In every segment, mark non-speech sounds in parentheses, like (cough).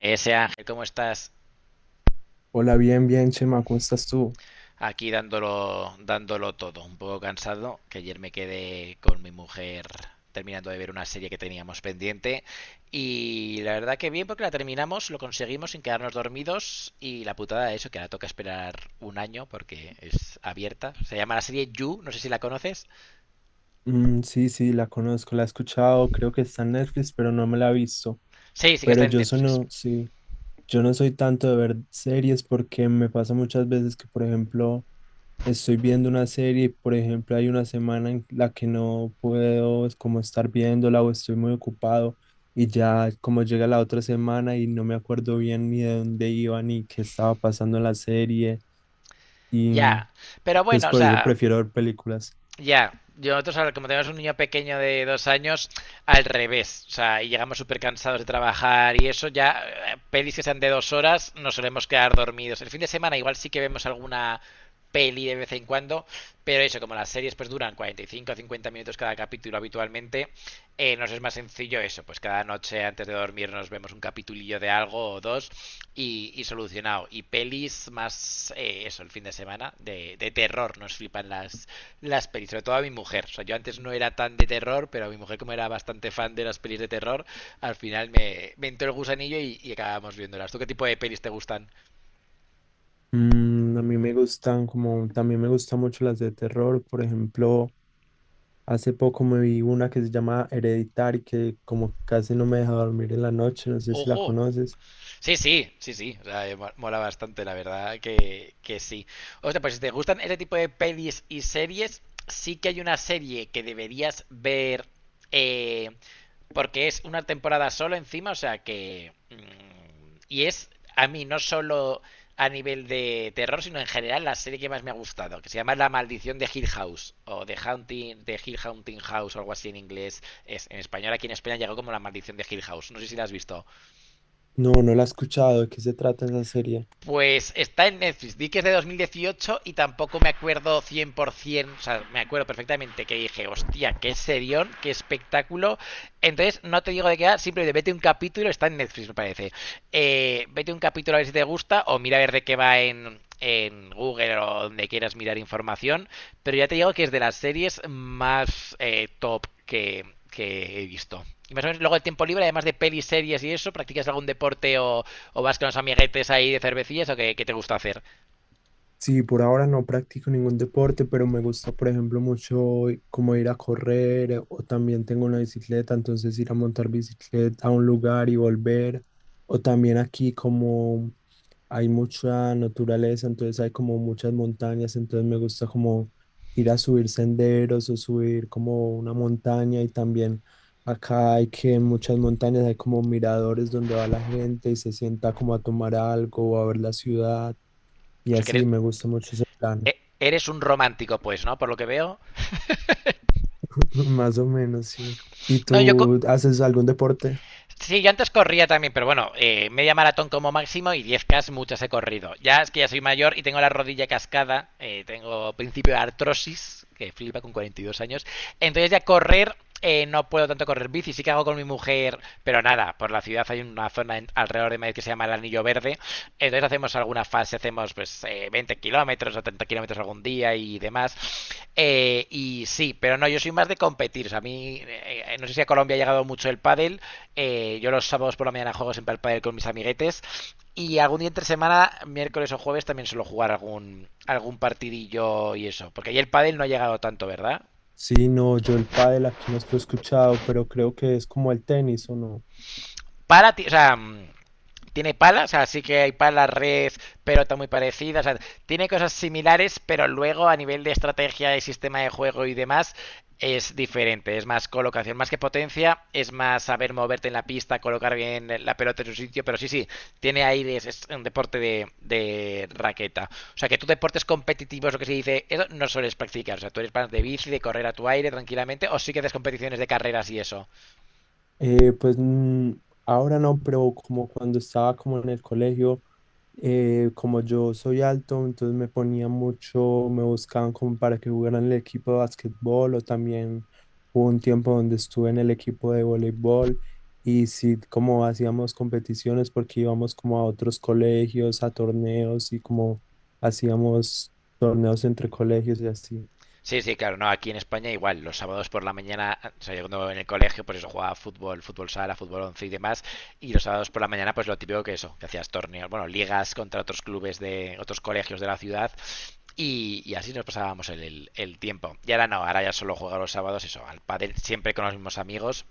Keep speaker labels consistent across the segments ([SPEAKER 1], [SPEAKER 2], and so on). [SPEAKER 1] Ese Ángel, ¿cómo estás?
[SPEAKER 2] Hola, bien, bien, Chema, ¿cómo estás tú?
[SPEAKER 1] Aquí dándolo, dándolo todo. Un poco cansado, que ayer me quedé con mi mujer terminando de ver una serie que teníamos pendiente. Y la verdad que bien, porque la terminamos, lo conseguimos sin quedarnos dormidos. Y la putada de eso, que ahora toca esperar un año porque es abierta. Se llama la serie You, no sé si la conoces.
[SPEAKER 2] Mm, sí, sí, la conozco, la he escuchado, creo que está en Netflix, pero no me la he visto.
[SPEAKER 1] Sí, sí que
[SPEAKER 2] Pero
[SPEAKER 1] está en
[SPEAKER 2] yo
[SPEAKER 1] Netflix.
[SPEAKER 2] sono, sí, yo no soy tanto de ver series porque me pasa muchas veces que, por ejemplo, estoy viendo una serie y, por ejemplo, hay una semana en la que no puedo es como estar viéndola o estoy muy ocupado y ya como llega la otra semana y no me acuerdo bien ni de dónde iba ni qué estaba pasando en la serie y mm,
[SPEAKER 1] Ya. Pero
[SPEAKER 2] entonces
[SPEAKER 1] bueno, o
[SPEAKER 2] por eso
[SPEAKER 1] sea,
[SPEAKER 2] prefiero ver películas.
[SPEAKER 1] ya, yo nosotros ahora, como tenemos un niño pequeño de 2 años, al revés, o sea, y llegamos súper cansados de trabajar y eso, ya pelis que sean de 2 horas nos solemos quedar dormidos. El fin de semana igual sí que vemos alguna peli de vez en cuando, pero eso, como las series pues duran 45 o 50 minutos cada capítulo habitualmente, nos es más sencillo eso, pues cada noche antes de dormir nos vemos un capitulillo de algo o dos y solucionado. Y pelis más eso, el fin de semana, de terror, nos flipan las pelis, sobre todo a mi mujer. O sea, yo antes no era tan de terror, pero a mi mujer, como era bastante fan de las pelis de terror, al final me entró el gusanillo y acabamos viéndolas. ¿Tú qué tipo de pelis te gustan?
[SPEAKER 2] Mm, a mí me gustan como, también me gustan mucho las de terror. Por ejemplo, hace poco me vi una que se llama Hereditary, que como casi no me deja dormir en la noche, no sé si la
[SPEAKER 1] ¡Ojo!
[SPEAKER 2] conoces.
[SPEAKER 1] Sí, sí, sí, sí. O sea, mola bastante, la verdad que sí. O sea, pues si te gustan ese tipo de pelis y series, sí que hay una serie que deberías ver eh, porque es una temporada solo encima, o sea que. Y es, a mí, no solo a nivel de terror, sino en general la serie que más me ha gustado, que se llama La Maldición de Hill House, o The Haunting, The Hill Haunting House, o algo así en inglés. Es, en español aquí en España llegó como La Maldición de Hill House. No sé si la has visto.
[SPEAKER 2] No, no la he escuchado, ¿de qué se trata esa serie?
[SPEAKER 1] Pues está en Netflix. Di que es de 2018 y tampoco me acuerdo 100%. O sea, me acuerdo perfectamente que dije, hostia, qué serión, qué espectáculo. Entonces, no te digo de qué va, simplemente vete un capítulo. Está en Netflix, me parece. Vete un capítulo a ver si te gusta o mira a ver de qué va en Google o donde quieras mirar información. Pero ya te digo que es de las series más top que he visto. Y más o menos luego de tiempo libre, además de pelis, series y eso, ¿practicas algún deporte o vas con los amiguetes ahí de cervecillas o qué, qué te gusta hacer?
[SPEAKER 2] Sí, por ahora no practico ningún deporte, pero me gusta, por ejemplo, mucho como ir a correr o también tengo una bicicleta, entonces ir a montar bicicleta a un lugar y volver. O también aquí como hay mucha naturaleza, entonces hay como muchas montañas, entonces me gusta como ir a subir senderos o subir como una montaña y también acá hay que en muchas montañas hay como miradores donde va la gente y se sienta como a tomar algo o a ver la ciudad y
[SPEAKER 1] O sea, que
[SPEAKER 2] así
[SPEAKER 1] eres,
[SPEAKER 2] me gusta mucho ese plan.
[SPEAKER 1] eres un romántico, pues, ¿no? Por lo que veo.
[SPEAKER 2] (laughs) Más o menos, sí. ¿Y
[SPEAKER 1] No, yo co-
[SPEAKER 2] tú haces algún deporte?
[SPEAKER 1] Sí, yo antes corría también, pero bueno, media maratón como máximo y 10K muchas he corrido. Ya es que ya soy mayor y tengo la rodilla cascada, tengo principio de artrosis, que flipa con 42 años. Entonces ya correr, no puedo tanto correr bici, sí que hago con mi mujer, pero nada, por la ciudad hay una zona alrededor de Madrid que se llama el Anillo Verde, entonces hacemos alguna fase, hacemos pues 20 kilómetros o 30 kilómetros algún día y demás. Y sí, pero no, yo soy más de competir. O sea, a mí, no sé si a Colombia ha llegado mucho el pádel. Yo los sábados por la mañana juego siempre al pádel con mis amiguetes. Y algún día entre semana, miércoles o jueves, también suelo jugar algún partidillo y eso. Porque ahí el pádel no ha llegado tanto, ¿verdad?
[SPEAKER 2] Sí, no, yo el pádel aquí no lo he escuchado, pero creo que es como el tenis, ¿o no?
[SPEAKER 1] Para ti, o sea, mm, tiene palas, o sea, sí que hay palas, red, pelota muy parecida, o sea, tiene cosas similares, pero luego a nivel de estrategia y sistema de juego y demás es diferente, es más colocación, más que potencia, es más saber moverte en la pista, colocar bien la pelota en su sitio, pero sí, sí, tiene aire, es un deporte de raqueta. O sea, que tú deportes competitivos, lo que se dice, eso no sueles practicar, o sea, tú eres más de bici, de correr a tu aire tranquilamente, o sí que haces competiciones de carreras y eso.
[SPEAKER 2] Eh, pues mm, ahora no, pero como cuando estaba como en el colegio, como yo soy alto, entonces me ponía mucho, me buscaban como para que jugara en el equipo de básquetbol o también hubo un tiempo donde estuve en el equipo de voleibol y sí, como hacíamos competiciones porque íbamos como a otros colegios, a torneos y como hacíamos torneos entre colegios y así.
[SPEAKER 1] Sí, sí, claro, no, aquí en España igual, los sábados por la mañana, o sea, yo cuando en el colegio, pues eso, jugaba fútbol, fútbol sala, fútbol once y demás, y los sábados por la mañana, pues lo típico que eso, que hacías torneos, bueno, ligas contra otros clubes de otros colegios de la ciudad, y así nos pasábamos el tiempo. Y ahora no, ahora ya solo juego los sábados, eso, al pádel, siempre con los mismos amigos,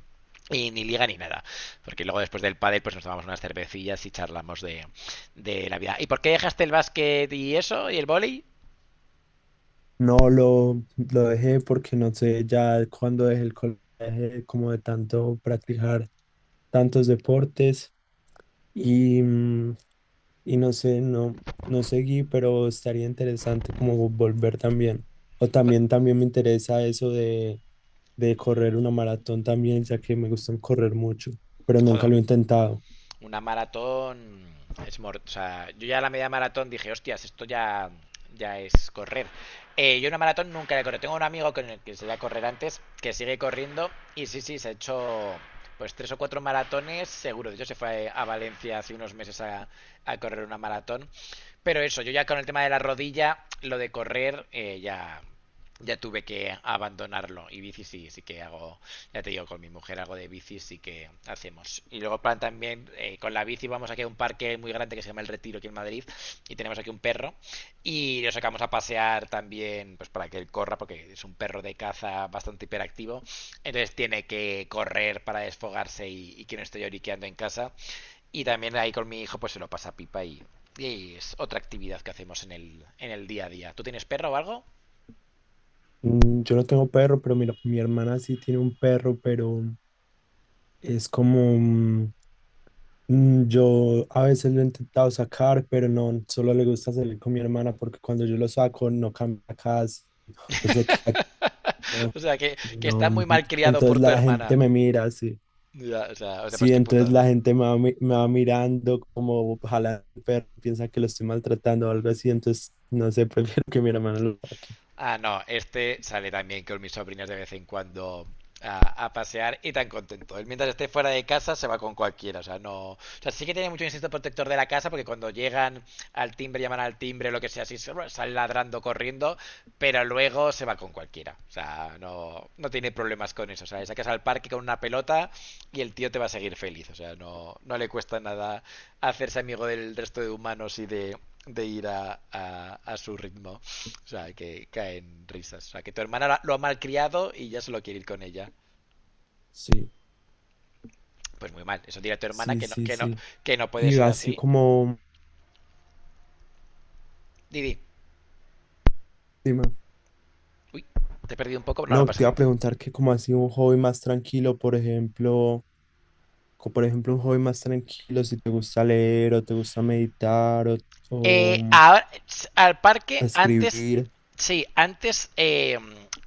[SPEAKER 1] y ni liga ni nada, porque luego después del pádel, pues nos tomamos unas cervecillas y charlamos de la vida. ¿Y por qué dejaste el básquet y eso, y el vóley?
[SPEAKER 2] No, lo dejé porque no sé, ya cuando dejé el colegio, dejé como de tanto practicar tantos deportes y, mm, y no sé, no, no seguí, pero estaría interesante como volver también. O también, también me interesa eso de correr una maratón también, ya que me gusta correr mucho, pero nunca
[SPEAKER 1] Joder.
[SPEAKER 2] lo he intentado.
[SPEAKER 1] Una maratón es mor o sea, yo ya a la media maratón dije, hostias, esto ya, ya es correr. Yo una maratón nunca la he corrido. Tengo un amigo con el que se iba a correr antes, que sigue corriendo, y sí, sí, se ha hecho pues tres o cuatro maratones, seguro. De hecho, se fue a Valencia hace unos meses correr una maratón. Pero eso, yo ya con el tema de la rodilla, lo de correr, ya, ya tuve que abandonarlo. Y bici sí, sí que hago ya te digo, con mi mujer algo de bici sí que hacemos. Y luego plan también, con la bici vamos aquí a un parque muy grande que se llama El Retiro aquí en Madrid y tenemos aquí un perro y lo sacamos a pasear también pues para que él corra porque es un perro de caza bastante hiperactivo. Entonces tiene que correr para desfogarse y que no esté lloriqueando en casa. Y también ahí con mi hijo pues se lo pasa pipa y es otra actividad que hacemos en en el día a día. ¿Tú tienes perro o algo?
[SPEAKER 2] Mm. Yo no tengo perro, pero mira, mi hermana sí tiene un perro, pero es como... Yo a veces lo he intentado sacar, pero no, solo le gusta salir con mi hermana porque cuando yo lo saco no cambia casi, o sea, que no,
[SPEAKER 1] (laughs) O sea, que está muy
[SPEAKER 2] no,
[SPEAKER 1] mal criado
[SPEAKER 2] entonces
[SPEAKER 1] por tu
[SPEAKER 2] la gente
[SPEAKER 1] hermana.
[SPEAKER 2] me mira, sí,
[SPEAKER 1] Ya, o sea, pues
[SPEAKER 2] sí,
[SPEAKER 1] qué
[SPEAKER 2] entonces la
[SPEAKER 1] putada.
[SPEAKER 2] gente me va, me va mirando como ojalá el perro piensa que lo estoy maltratando o algo así, entonces no sé, (laughs) prefiero que mi hermana lo saque.
[SPEAKER 1] Ah, no, este sale también con mis sobrinas de vez en cuando a pasear y tan contento. Él mientras esté fuera de casa se va con cualquiera, o sea, no. O sea, sí que tiene mucho instinto protector de la casa porque cuando llegan al timbre, llaman al timbre, lo que sea, así sale ladrando, corriendo, pero luego se va con cualquiera. O sea, no, no tiene problemas con eso. O sea, le sacas al parque con una pelota y el tío te va a seguir feliz. O sea, no, no le cuesta nada hacerse amigo del resto de humanos y de ir a su ritmo. O sea, que caen risas. O sea, que tu hermana lo ha malcriado y ya se lo quiere ir con ella.
[SPEAKER 2] Sí,
[SPEAKER 1] Pues muy mal. Eso dirá tu hermana
[SPEAKER 2] sí,
[SPEAKER 1] que no,
[SPEAKER 2] sí, sí.
[SPEAKER 1] que no puede
[SPEAKER 2] Y
[SPEAKER 1] ser
[SPEAKER 2] así
[SPEAKER 1] así.
[SPEAKER 2] como,
[SPEAKER 1] Didi,
[SPEAKER 2] dime,
[SPEAKER 1] uy, te he perdido un poco. No, no
[SPEAKER 2] no,
[SPEAKER 1] pasa
[SPEAKER 2] te iba a
[SPEAKER 1] nada.
[SPEAKER 2] preguntar que como así un hobby más tranquilo, por ejemplo. Como por ejemplo un hobby más tranquilo, si te gusta leer o te gusta meditar o mm,
[SPEAKER 1] Ahora, al parque, antes,
[SPEAKER 2] escribir.
[SPEAKER 1] sí, antes,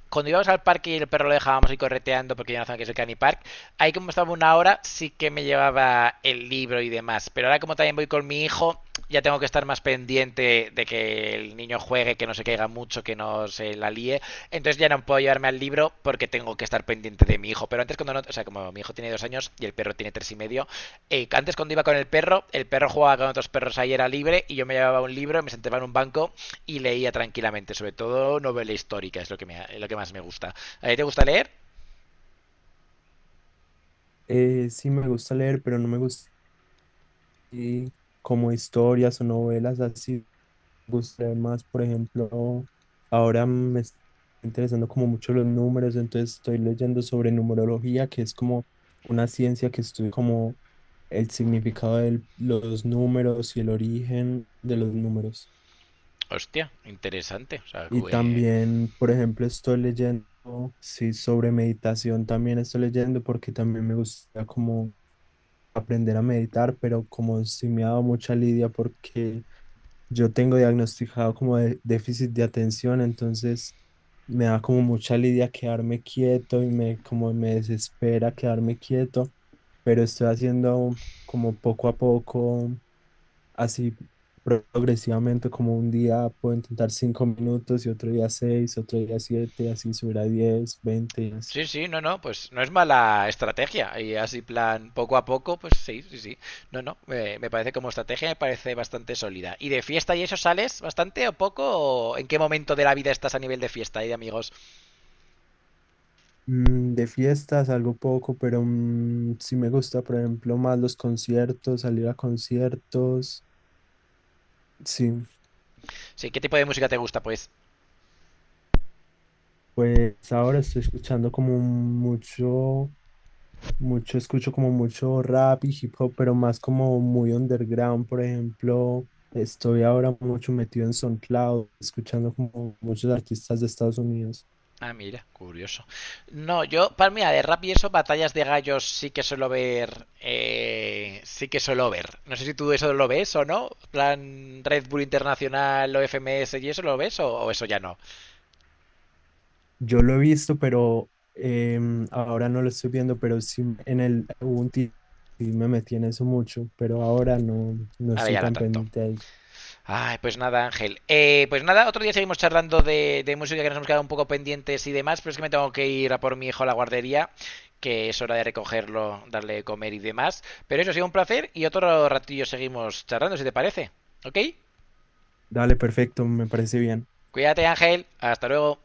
[SPEAKER 1] cuando íbamos al parque y el perro lo dejábamos ir correteando porque ya no zona que es el Canny Park, ahí como estaba una hora, sí que me llevaba el libro y demás. Pero ahora como también voy con mi hijo, ya tengo que estar más pendiente de que el niño juegue, que no se caiga mucho, que no se la líe. Entonces ya no puedo llevarme al libro porque tengo que estar pendiente de mi hijo. Pero antes cuando no, o sea, como mi hijo tiene 2 años y el perro tiene 3 y medio, antes cuando iba con el perro jugaba con otros perros ahí era libre y yo me llevaba un libro, me sentaba en un banco y leía tranquilamente, sobre todo novela histórica, es lo que, me, es lo que más me gusta. ¿A ti te gusta leer?
[SPEAKER 2] Sí me gusta leer, pero no me gusta así como historias o novelas así. Me gusta leer más, por ejemplo, ahora me está interesando como mucho los números, entonces estoy leyendo sobre numerología, que es como una ciencia que estudia como el significado de los números y el origen de los números.
[SPEAKER 1] Hostia, interesante. O sea,
[SPEAKER 2] Y también, por ejemplo, estoy leyendo, sí, sobre meditación también estoy leyendo porque también me gusta como aprender a meditar, pero como sí me ha dado mucha lidia porque yo tengo diagnosticado como déficit de atención, entonces me da como mucha lidia quedarme quieto y me como me desespera quedarme quieto, pero estoy haciendo como poco a poco así progresivamente, como un día puedo intentar 5 minutos y otro día seis, otro día siete, así subir a 10, 20 y así.
[SPEAKER 1] sí, sí, no, no, pues no es mala estrategia. Y así, plan, poco a poco, pues sí, sí, sí. No, no, me parece como estrategia, me parece bastante sólida. ¿Y de fiesta y eso sales bastante o poco? ¿O en qué momento de la vida estás a nivel de fiesta y de amigos?
[SPEAKER 2] De fiestas, algo poco, pero sí me gusta, por ejemplo, más los conciertos, salir a conciertos. Sí,
[SPEAKER 1] Sí, ¿qué tipo de música te gusta, pues?
[SPEAKER 2] pues ahora estoy escuchando como mucho. Mucho, escucho como mucho rap y hip hop, pero más como muy underground. Por ejemplo, estoy ahora mucho metido en SoundCloud, escuchando como muchos artistas de Estados Unidos.
[SPEAKER 1] Ah, mira, curioso. No, yo, para mí, de rap y eso, batallas de gallos sí que suelo ver. Sí que suelo ver. No sé si tú eso lo ves o no. Plan Red Bull Internacional o FMS y eso lo ves o eso ya no.
[SPEAKER 2] Yo lo he visto, pero ahora no lo estoy viendo, pero sí en el, hubo un tiempo y me metí en eso mucho, pero ahora no, no
[SPEAKER 1] Ahora
[SPEAKER 2] estoy
[SPEAKER 1] ya no
[SPEAKER 2] tan
[SPEAKER 1] tanto.
[SPEAKER 2] pendiente a eso.
[SPEAKER 1] Ay, pues nada, Ángel. Pues nada, otro día seguimos charlando de música que nos hemos quedado un poco pendientes y demás, pero es que me tengo que ir a por mi hijo a la guardería, que es hora de recogerlo, darle de comer y demás. Pero eso ha sido un placer y otro ratillo seguimos charlando, si te parece. ¿Ok?
[SPEAKER 2] Dale, perfecto, me parece bien.
[SPEAKER 1] Cuídate, Ángel. Hasta luego.